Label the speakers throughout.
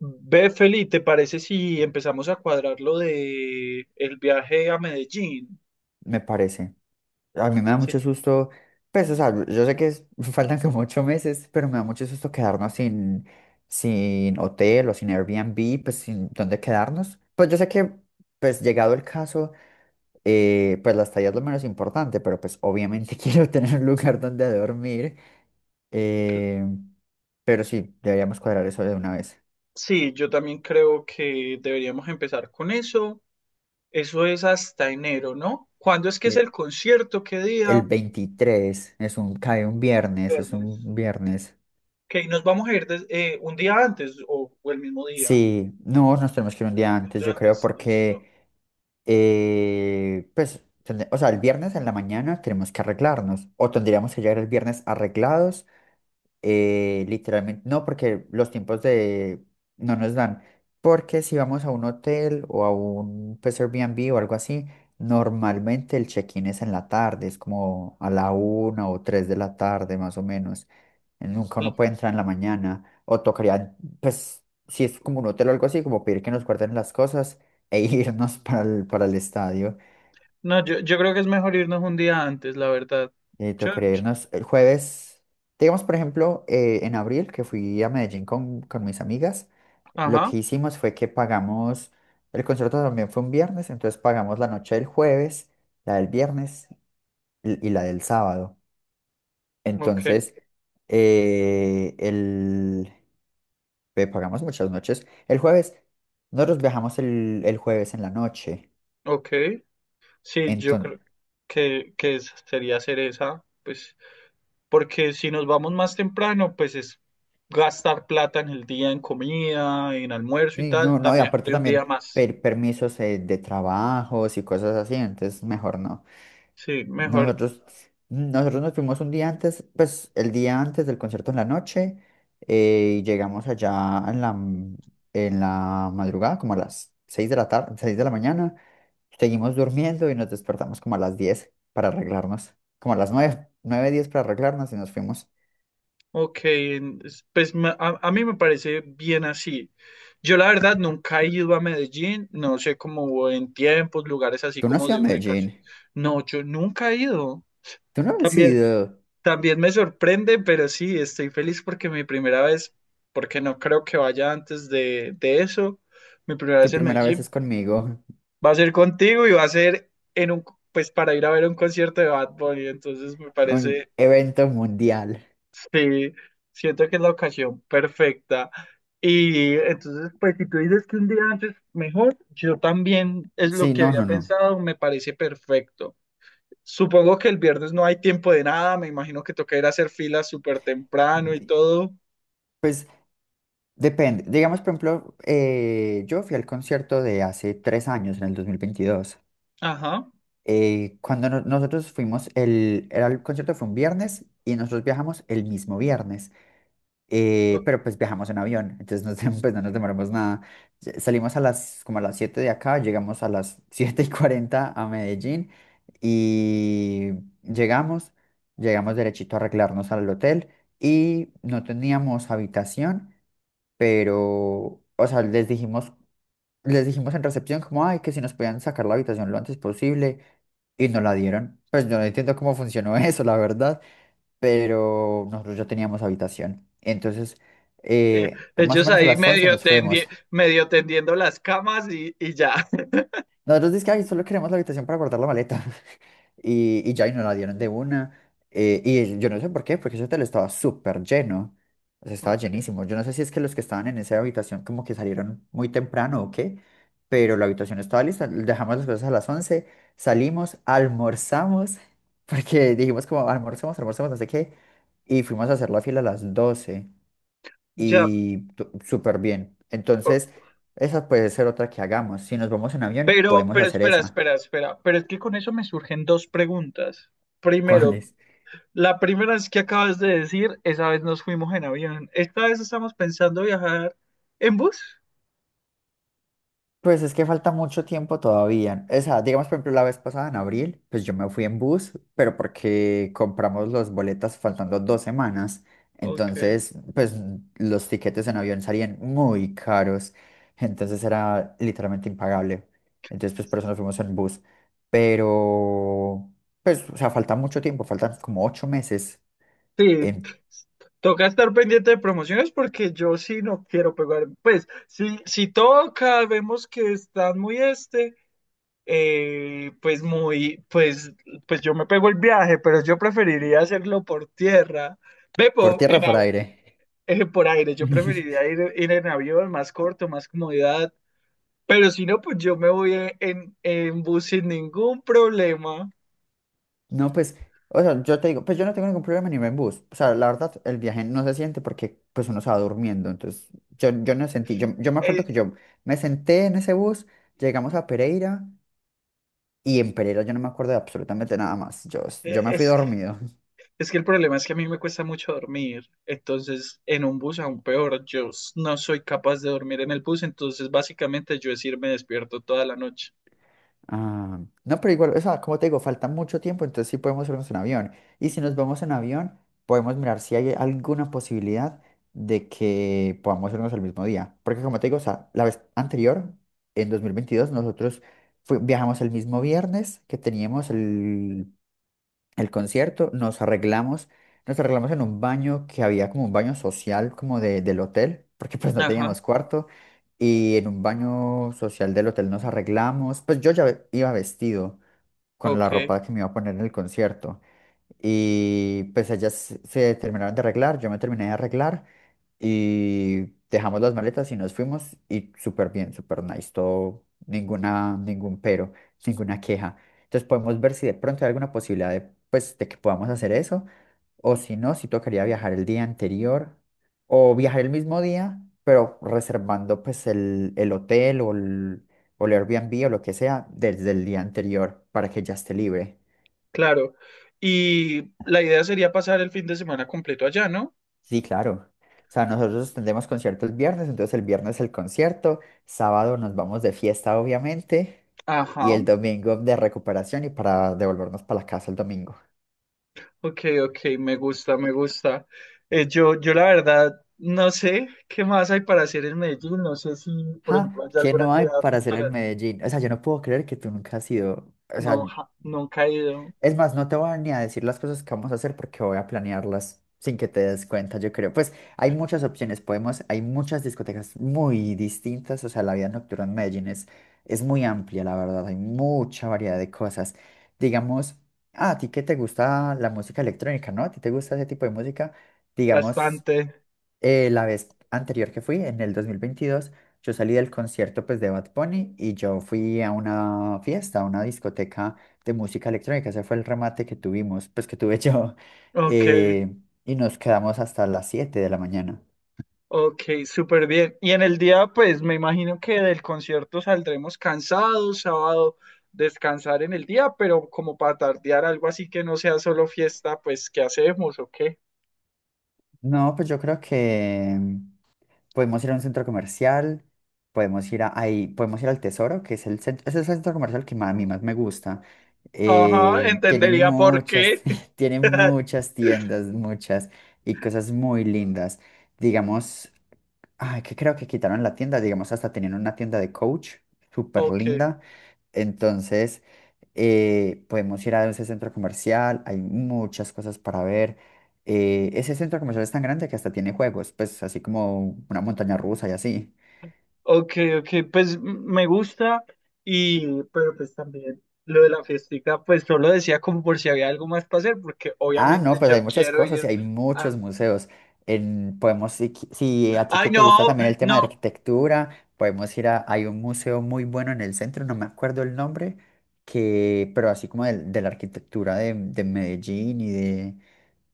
Speaker 1: Ve, Feli, ¿te parece si empezamos a cuadrar lo de el viaje a Medellín?
Speaker 2: Me parece. A mí me da
Speaker 1: Sí.
Speaker 2: mucho susto, pues, o sea, yo sé que faltan como ocho meses, pero me da mucho susto quedarnos sin hotel o sin Airbnb, pues, sin dónde quedarnos. Pues yo sé que, pues, llegado el caso, pues la estadía es lo menos importante, pero pues obviamente quiero tener un lugar donde dormir. eh, pero sí, deberíamos cuadrar eso de una vez.
Speaker 1: Sí, yo también creo que deberíamos empezar con eso. Eso es hasta enero, ¿no? ¿Cuándo es que es
Speaker 2: Eh,
Speaker 1: el concierto? ¿Qué
Speaker 2: El
Speaker 1: día?
Speaker 2: 23 es cae un viernes, es
Speaker 1: Viernes.
Speaker 2: un viernes.
Speaker 1: Ok, nos vamos a ir un día antes o el mismo día.
Speaker 2: Sí, no, nos tenemos que ir un día
Speaker 1: Un
Speaker 2: antes,
Speaker 1: día
Speaker 2: yo creo,
Speaker 1: antes, listo.
Speaker 2: porque, pues, o sea, el viernes en la mañana tenemos que arreglarnos, o tendríamos que llegar el viernes arreglados. Literalmente no, porque los tiempos de, no nos dan, porque si vamos a un hotel o a un, pues, Airbnb o algo así, normalmente el check-in es en la tarde, es como a la una o tres de la tarde, más o menos. Nunca
Speaker 1: Mm.
Speaker 2: uno puede entrar en la mañana. O tocaría, pues, si es como un hotel o algo así, como pedir que nos guarden las cosas e irnos para el estadio.
Speaker 1: No, yo creo que es mejor irnos un día antes, la verdad. Yo-
Speaker 2: Tocaría
Speaker 1: yo-
Speaker 2: irnos el jueves. Digamos, por ejemplo, en abril, que fui a Medellín con mis amigas, lo
Speaker 1: ajá,
Speaker 2: que hicimos fue que pagamos, el concierto también fue un viernes, entonces pagamos la noche del jueves, la del viernes y la del sábado.
Speaker 1: ok,
Speaker 2: Entonces, eh, el, pues, pagamos muchas noches. El jueves, nosotros viajamos el jueves en la noche.
Speaker 1: ok. Sí, yo creo
Speaker 2: Entonces,
Speaker 1: que sería hacer esa, pues, porque si nos vamos más temprano, pues es gastar plata en el día, en comida, en almuerzo y tal,
Speaker 2: no, no, y
Speaker 1: también
Speaker 2: aparte
Speaker 1: de un día
Speaker 2: también
Speaker 1: más.
Speaker 2: permisos de trabajos y cosas así, entonces mejor no.
Speaker 1: Sí, mejor.
Speaker 2: Nosotros, nosotros nos fuimos un día antes, pues el día antes del concierto en la noche, y llegamos allá en la madrugada, como a las 6 de la tarde, 6 de la mañana. Seguimos durmiendo y nos despertamos como a las 10 para arreglarnos, como a las 9 9 10 para arreglarnos y nos fuimos.
Speaker 1: Ok, pues a mí me parece bien así. Yo la verdad nunca he ido a Medellín, no sé cómo en tiempos, lugares así
Speaker 2: Tú no has
Speaker 1: como
Speaker 2: ido a
Speaker 1: de ubicación.
Speaker 2: Medellín.
Speaker 1: No, yo nunca he ido.
Speaker 2: Tú no has
Speaker 1: También.
Speaker 2: ido.
Speaker 1: También me sorprende, pero sí, estoy feliz porque mi primera vez, porque no creo que vaya antes de eso, mi primera
Speaker 2: Tu
Speaker 1: vez en
Speaker 2: primera vez es
Speaker 1: Medellín
Speaker 2: conmigo.
Speaker 1: va a ser contigo y va a ser en un, pues para ir a ver un concierto de Bad Bunny, entonces me
Speaker 2: Un
Speaker 1: parece,
Speaker 2: evento mundial.
Speaker 1: sí, siento que es la ocasión perfecta. Y entonces, pues si tú dices que un día antes mejor, yo también es lo
Speaker 2: Sí,
Speaker 1: que
Speaker 2: no,
Speaker 1: había
Speaker 2: no, no.
Speaker 1: pensado, me parece perfecto. Supongo que el viernes no hay tiempo de nada, me imagino que toca ir a hacer filas súper temprano y
Speaker 2: Di-
Speaker 1: todo.
Speaker 2: Pues depende. Digamos, por ejemplo, yo fui al concierto de hace tres años, en el 2022.
Speaker 1: Ajá.
Speaker 2: Cuando nosotros fuimos, era el concierto fue un viernes y nosotros viajamos el mismo viernes. Pero pues viajamos en avión, entonces no, pues no nos demoramos nada. Salimos a como a las 7 de acá, llegamos a las 7 y 40 a Medellín y llegamos, llegamos derechito a arreglarnos al hotel y no teníamos habitación, pero, o sea, les dijimos en recepción como, ay, que si nos podían sacar la habitación lo antes posible y nos la dieron. Pues yo no entiendo cómo funcionó eso, la verdad, pero nosotros ya teníamos habitación. Entonces,
Speaker 1: Eh,
Speaker 2: más o
Speaker 1: ellos
Speaker 2: menos a
Speaker 1: ahí
Speaker 2: las 11 nos fuimos.
Speaker 1: medio tendiendo las camas y ya.
Speaker 2: Nosotros dizque, "Ay, solo queremos la habitación para guardar la maleta." Y ya, y nos la dieron de una. Y yo no sé por qué, porque ese hotel estaba súper lleno. O sea, estaba
Speaker 1: Ok,
Speaker 2: llenísimo. Yo no sé si es que los que estaban en esa habitación como que salieron muy temprano o qué, pero la habitación estaba lista. Dejamos las cosas a las 11, salimos, almorzamos, porque dijimos como almorzamos, almorzamos, no sé qué, y fuimos a hacer la fila a las 12.
Speaker 1: ya.
Speaker 2: Súper bien.
Speaker 1: O-
Speaker 2: Entonces, esa puede ser otra que hagamos. Si nos vamos en avión, podemos
Speaker 1: Pero
Speaker 2: hacer
Speaker 1: espera,
Speaker 2: esa.
Speaker 1: espera, espera. Pero es que con eso me surgen dos preguntas. Primero,
Speaker 2: ¿Cuáles?
Speaker 1: la primera es que acabas de decir, esa vez nos fuimos en avión. ¿Esta vez estamos pensando viajar en bus?
Speaker 2: Pues es que falta mucho tiempo todavía. Esa, digamos, por ejemplo, la vez pasada en abril, pues yo me fui en bus, pero porque compramos los boletas faltando dos semanas.
Speaker 1: Ok.
Speaker 2: Entonces, pues los tiquetes
Speaker 1: So,
Speaker 2: en avión salían muy caros. Entonces era literalmente impagable. Entonces, pues por eso nos fuimos en bus. Pero, pues, o sea, falta mucho tiempo, faltan como ocho meses
Speaker 1: sí,
Speaker 2: en-
Speaker 1: pues, toca estar pendiente de promociones porque yo sí no quiero pegar. Pues, si, si toca, vemos que están muy este, pues muy, pues, pues yo me pego el viaje, pero yo preferiría hacerlo por tierra. Ve
Speaker 2: por
Speaker 1: po-
Speaker 2: tierra
Speaker 1: en
Speaker 2: o por
Speaker 1: av-
Speaker 2: aire.
Speaker 1: por aire, yo preferiría ir en avión, más corto, más comodidad. Pero si no, pues yo me voy en, bus sin ningún problema.
Speaker 2: No, pues, o sea, yo te digo, pues yo no tengo ningún problema ni en bus. O sea, la verdad, el viaje no se siente porque pues uno estaba durmiendo. Entonces, yo no sentí, yo me acuerdo
Speaker 1: Eh,
Speaker 2: que yo me senté en ese bus, llegamos a Pereira y en Pereira yo no me acuerdo de absolutamente nada más. Yo, yo me fui
Speaker 1: es que
Speaker 2: dormido.
Speaker 1: es que el problema es que a mí me cuesta mucho dormir, entonces en un bus aún peor, no soy capaz de dormir en el bus, entonces básicamente yo es irme despierto toda la noche.
Speaker 2: Ah, no, pero igual, o sea, como te digo, falta mucho tiempo, entonces sí podemos irnos en avión. Y si nos vamos en avión, podemos mirar si hay alguna posibilidad de que podamos irnos el mismo día. Porque como te digo, o sea, la vez anterior, en 2022 nosotros viajamos el mismo viernes que teníamos el concierto, nos arreglamos en un baño que había como un baño social como del hotel, porque pues no
Speaker 1: Ajá,
Speaker 2: teníamos cuarto, y en un baño social del hotel nos arreglamos, pues yo ya iba vestido con la
Speaker 1: ok,
Speaker 2: ropa que me iba a poner en el concierto, y pues ellas se terminaron de arreglar, yo me terminé de arreglar y dejamos las maletas y nos fuimos y súper bien, súper nice, todo, ninguna, ningún pero, ninguna queja. Entonces podemos ver si de pronto hay alguna posibilidad de, pues, de que podamos hacer eso, o si no, si tocaría viajar el día anterior o viajar el mismo día, pero reservando pues el hotel o el Airbnb o lo que sea desde el día anterior para que ya esté libre.
Speaker 1: claro. Y la idea sería pasar el fin de semana completo allá, ¿no?
Speaker 2: Sí, claro. O sea, nosotros tendremos conciertos el viernes, entonces el viernes el concierto, sábado nos vamos de fiesta, obviamente, y
Speaker 1: Ajá,
Speaker 2: el domingo de recuperación y para devolvernos para la casa el domingo.
Speaker 1: ok, ok, me gusta, me gusta. Yo la verdad no sé qué más hay para hacer en Medellín, no sé si, por ejemplo,
Speaker 2: Ja,
Speaker 1: hay
Speaker 2: ¿qué
Speaker 1: alguna
Speaker 2: no hay
Speaker 1: actividad
Speaker 2: para hacer
Speaker 1: para...
Speaker 2: en Medellín? O sea, yo no puedo creer que tú nunca has ido. O
Speaker 1: No,
Speaker 2: sea,
Speaker 1: ja- nunca he ido,
Speaker 2: es más, no te voy a ni a decir las cosas que vamos a hacer porque voy a planearlas sin que te des cuenta, yo creo. Pues hay muchas opciones, podemos, hay muchas discotecas muy distintas, o sea, la vida nocturna en Medellín es muy amplia, la verdad, hay mucha variedad de cosas. Digamos, ah, a ti que te gusta la música electrónica, ¿no? ¿A ti te gusta ese tipo de música? Digamos,
Speaker 1: bastante.
Speaker 2: la vez anterior que fui, en el 2022, yo salí del concierto, pues, de Bad Bunny y yo fui a una fiesta, a una discoteca de música electrónica. Ese fue el remate que tuvimos, pues que tuve yo.
Speaker 1: Ok.
Speaker 2: eh, y nos quedamos hasta las 7 de la mañana.
Speaker 1: Ok, súper bien. Y en el día, pues me imagino que del concierto saldremos cansados, sábado descansar en el día, pero como para tardear algo así que no sea solo fiesta, pues ¿qué hacemos o qué?
Speaker 2: No, pues yo creo que podemos ir a un centro comercial, podemos ir al Tesoro, que es el centro comercial que a mí más me gusta.
Speaker 1: Ajá,
Speaker 2: Tiene
Speaker 1: entendería por
Speaker 2: muchas,
Speaker 1: qué.
Speaker 2: tiene muchas tiendas, muchas, y cosas muy lindas. Digamos, ay, que creo que quitaron la tienda, digamos, hasta tenían una tienda de Coach, súper
Speaker 1: Ok,
Speaker 2: linda. Entonces, podemos ir a ese centro comercial, hay muchas cosas para ver. Ese centro comercial es tan grande que hasta tiene juegos, pues así como una montaña rusa y así.
Speaker 1: ok, ok, pues me gusta y, pero pues también lo de la fiestica, pues solo decía como por si había algo más para hacer, porque
Speaker 2: Ah, no,
Speaker 1: obviamente
Speaker 2: pues hay
Speaker 1: yo
Speaker 2: muchas
Speaker 1: quiero
Speaker 2: cosas y
Speaker 1: ir
Speaker 2: hay muchos
Speaker 1: a...
Speaker 2: museos. En- podemos, si, qui- si a ti
Speaker 1: Ay,
Speaker 2: que te gusta
Speaker 1: no,
Speaker 2: también el tema de
Speaker 1: no.
Speaker 2: arquitectura, hay un museo muy bueno en el centro, no me acuerdo el nombre, pero así como la arquitectura de Medellín y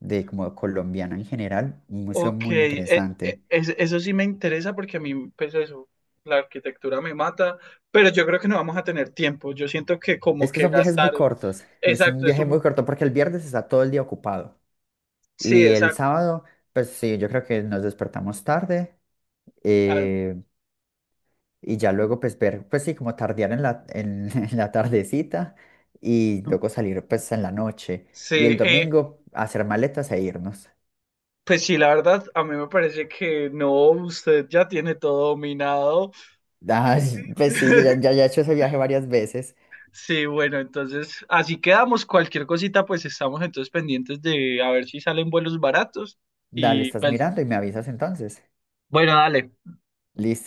Speaker 2: de como colombiana en general, un museo
Speaker 1: Ok,
Speaker 2: muy interesante.
Speaker 1: eso sí me interesa porque a mí, pues eso, la arquitectura me mata, pero yo creo que no vamos a tener tiempo. Yo siento que como
Speaker 2: Es que
Speaker 1: que
Speaker 2: son viajes muy
Speaker 1: gastar,
Speaker 2: cortos, es un
Speaker 1: exacto, es
Speaker 2: viaje muy
Speaker 1: un,
Speaker 2: corto porque el viernes está todo el día ocupado
Speaker 1: sí,
Speaker 2: y el
Speaker 1: exacto,
Speaker 2: sábado, pues sí, yo creo que nos despertamos tarde. eh, y ya luego pues ver, pues sí, como tardear en la, en, en la tardecita y luego salir pues en la noche y el
Speaker 1: sí, eh,
Speaker 2: domingo hacer maletas e irnos.
Speaker 1: pues sí, la verdad, a mí me parece que no, usted ya tiene todo dominado.
Speaker 2: Ay, pues sí, yo ya, ya, ya he hecho ese viaje varias veces.
Speaker 1: Sí, bueno, entonces así quedamos. Cualquier cosita, pues estamos entonces pendientes de a ver si salen vuelos baratos
Speaker 2: Dale,
Speaker 1: y
Speaker 2: estás
Speaker 1: pues,
Speaker 2: mirando y me avisas entonces.
Speaker 1: bueno, dale.
Speaker 2: Listo.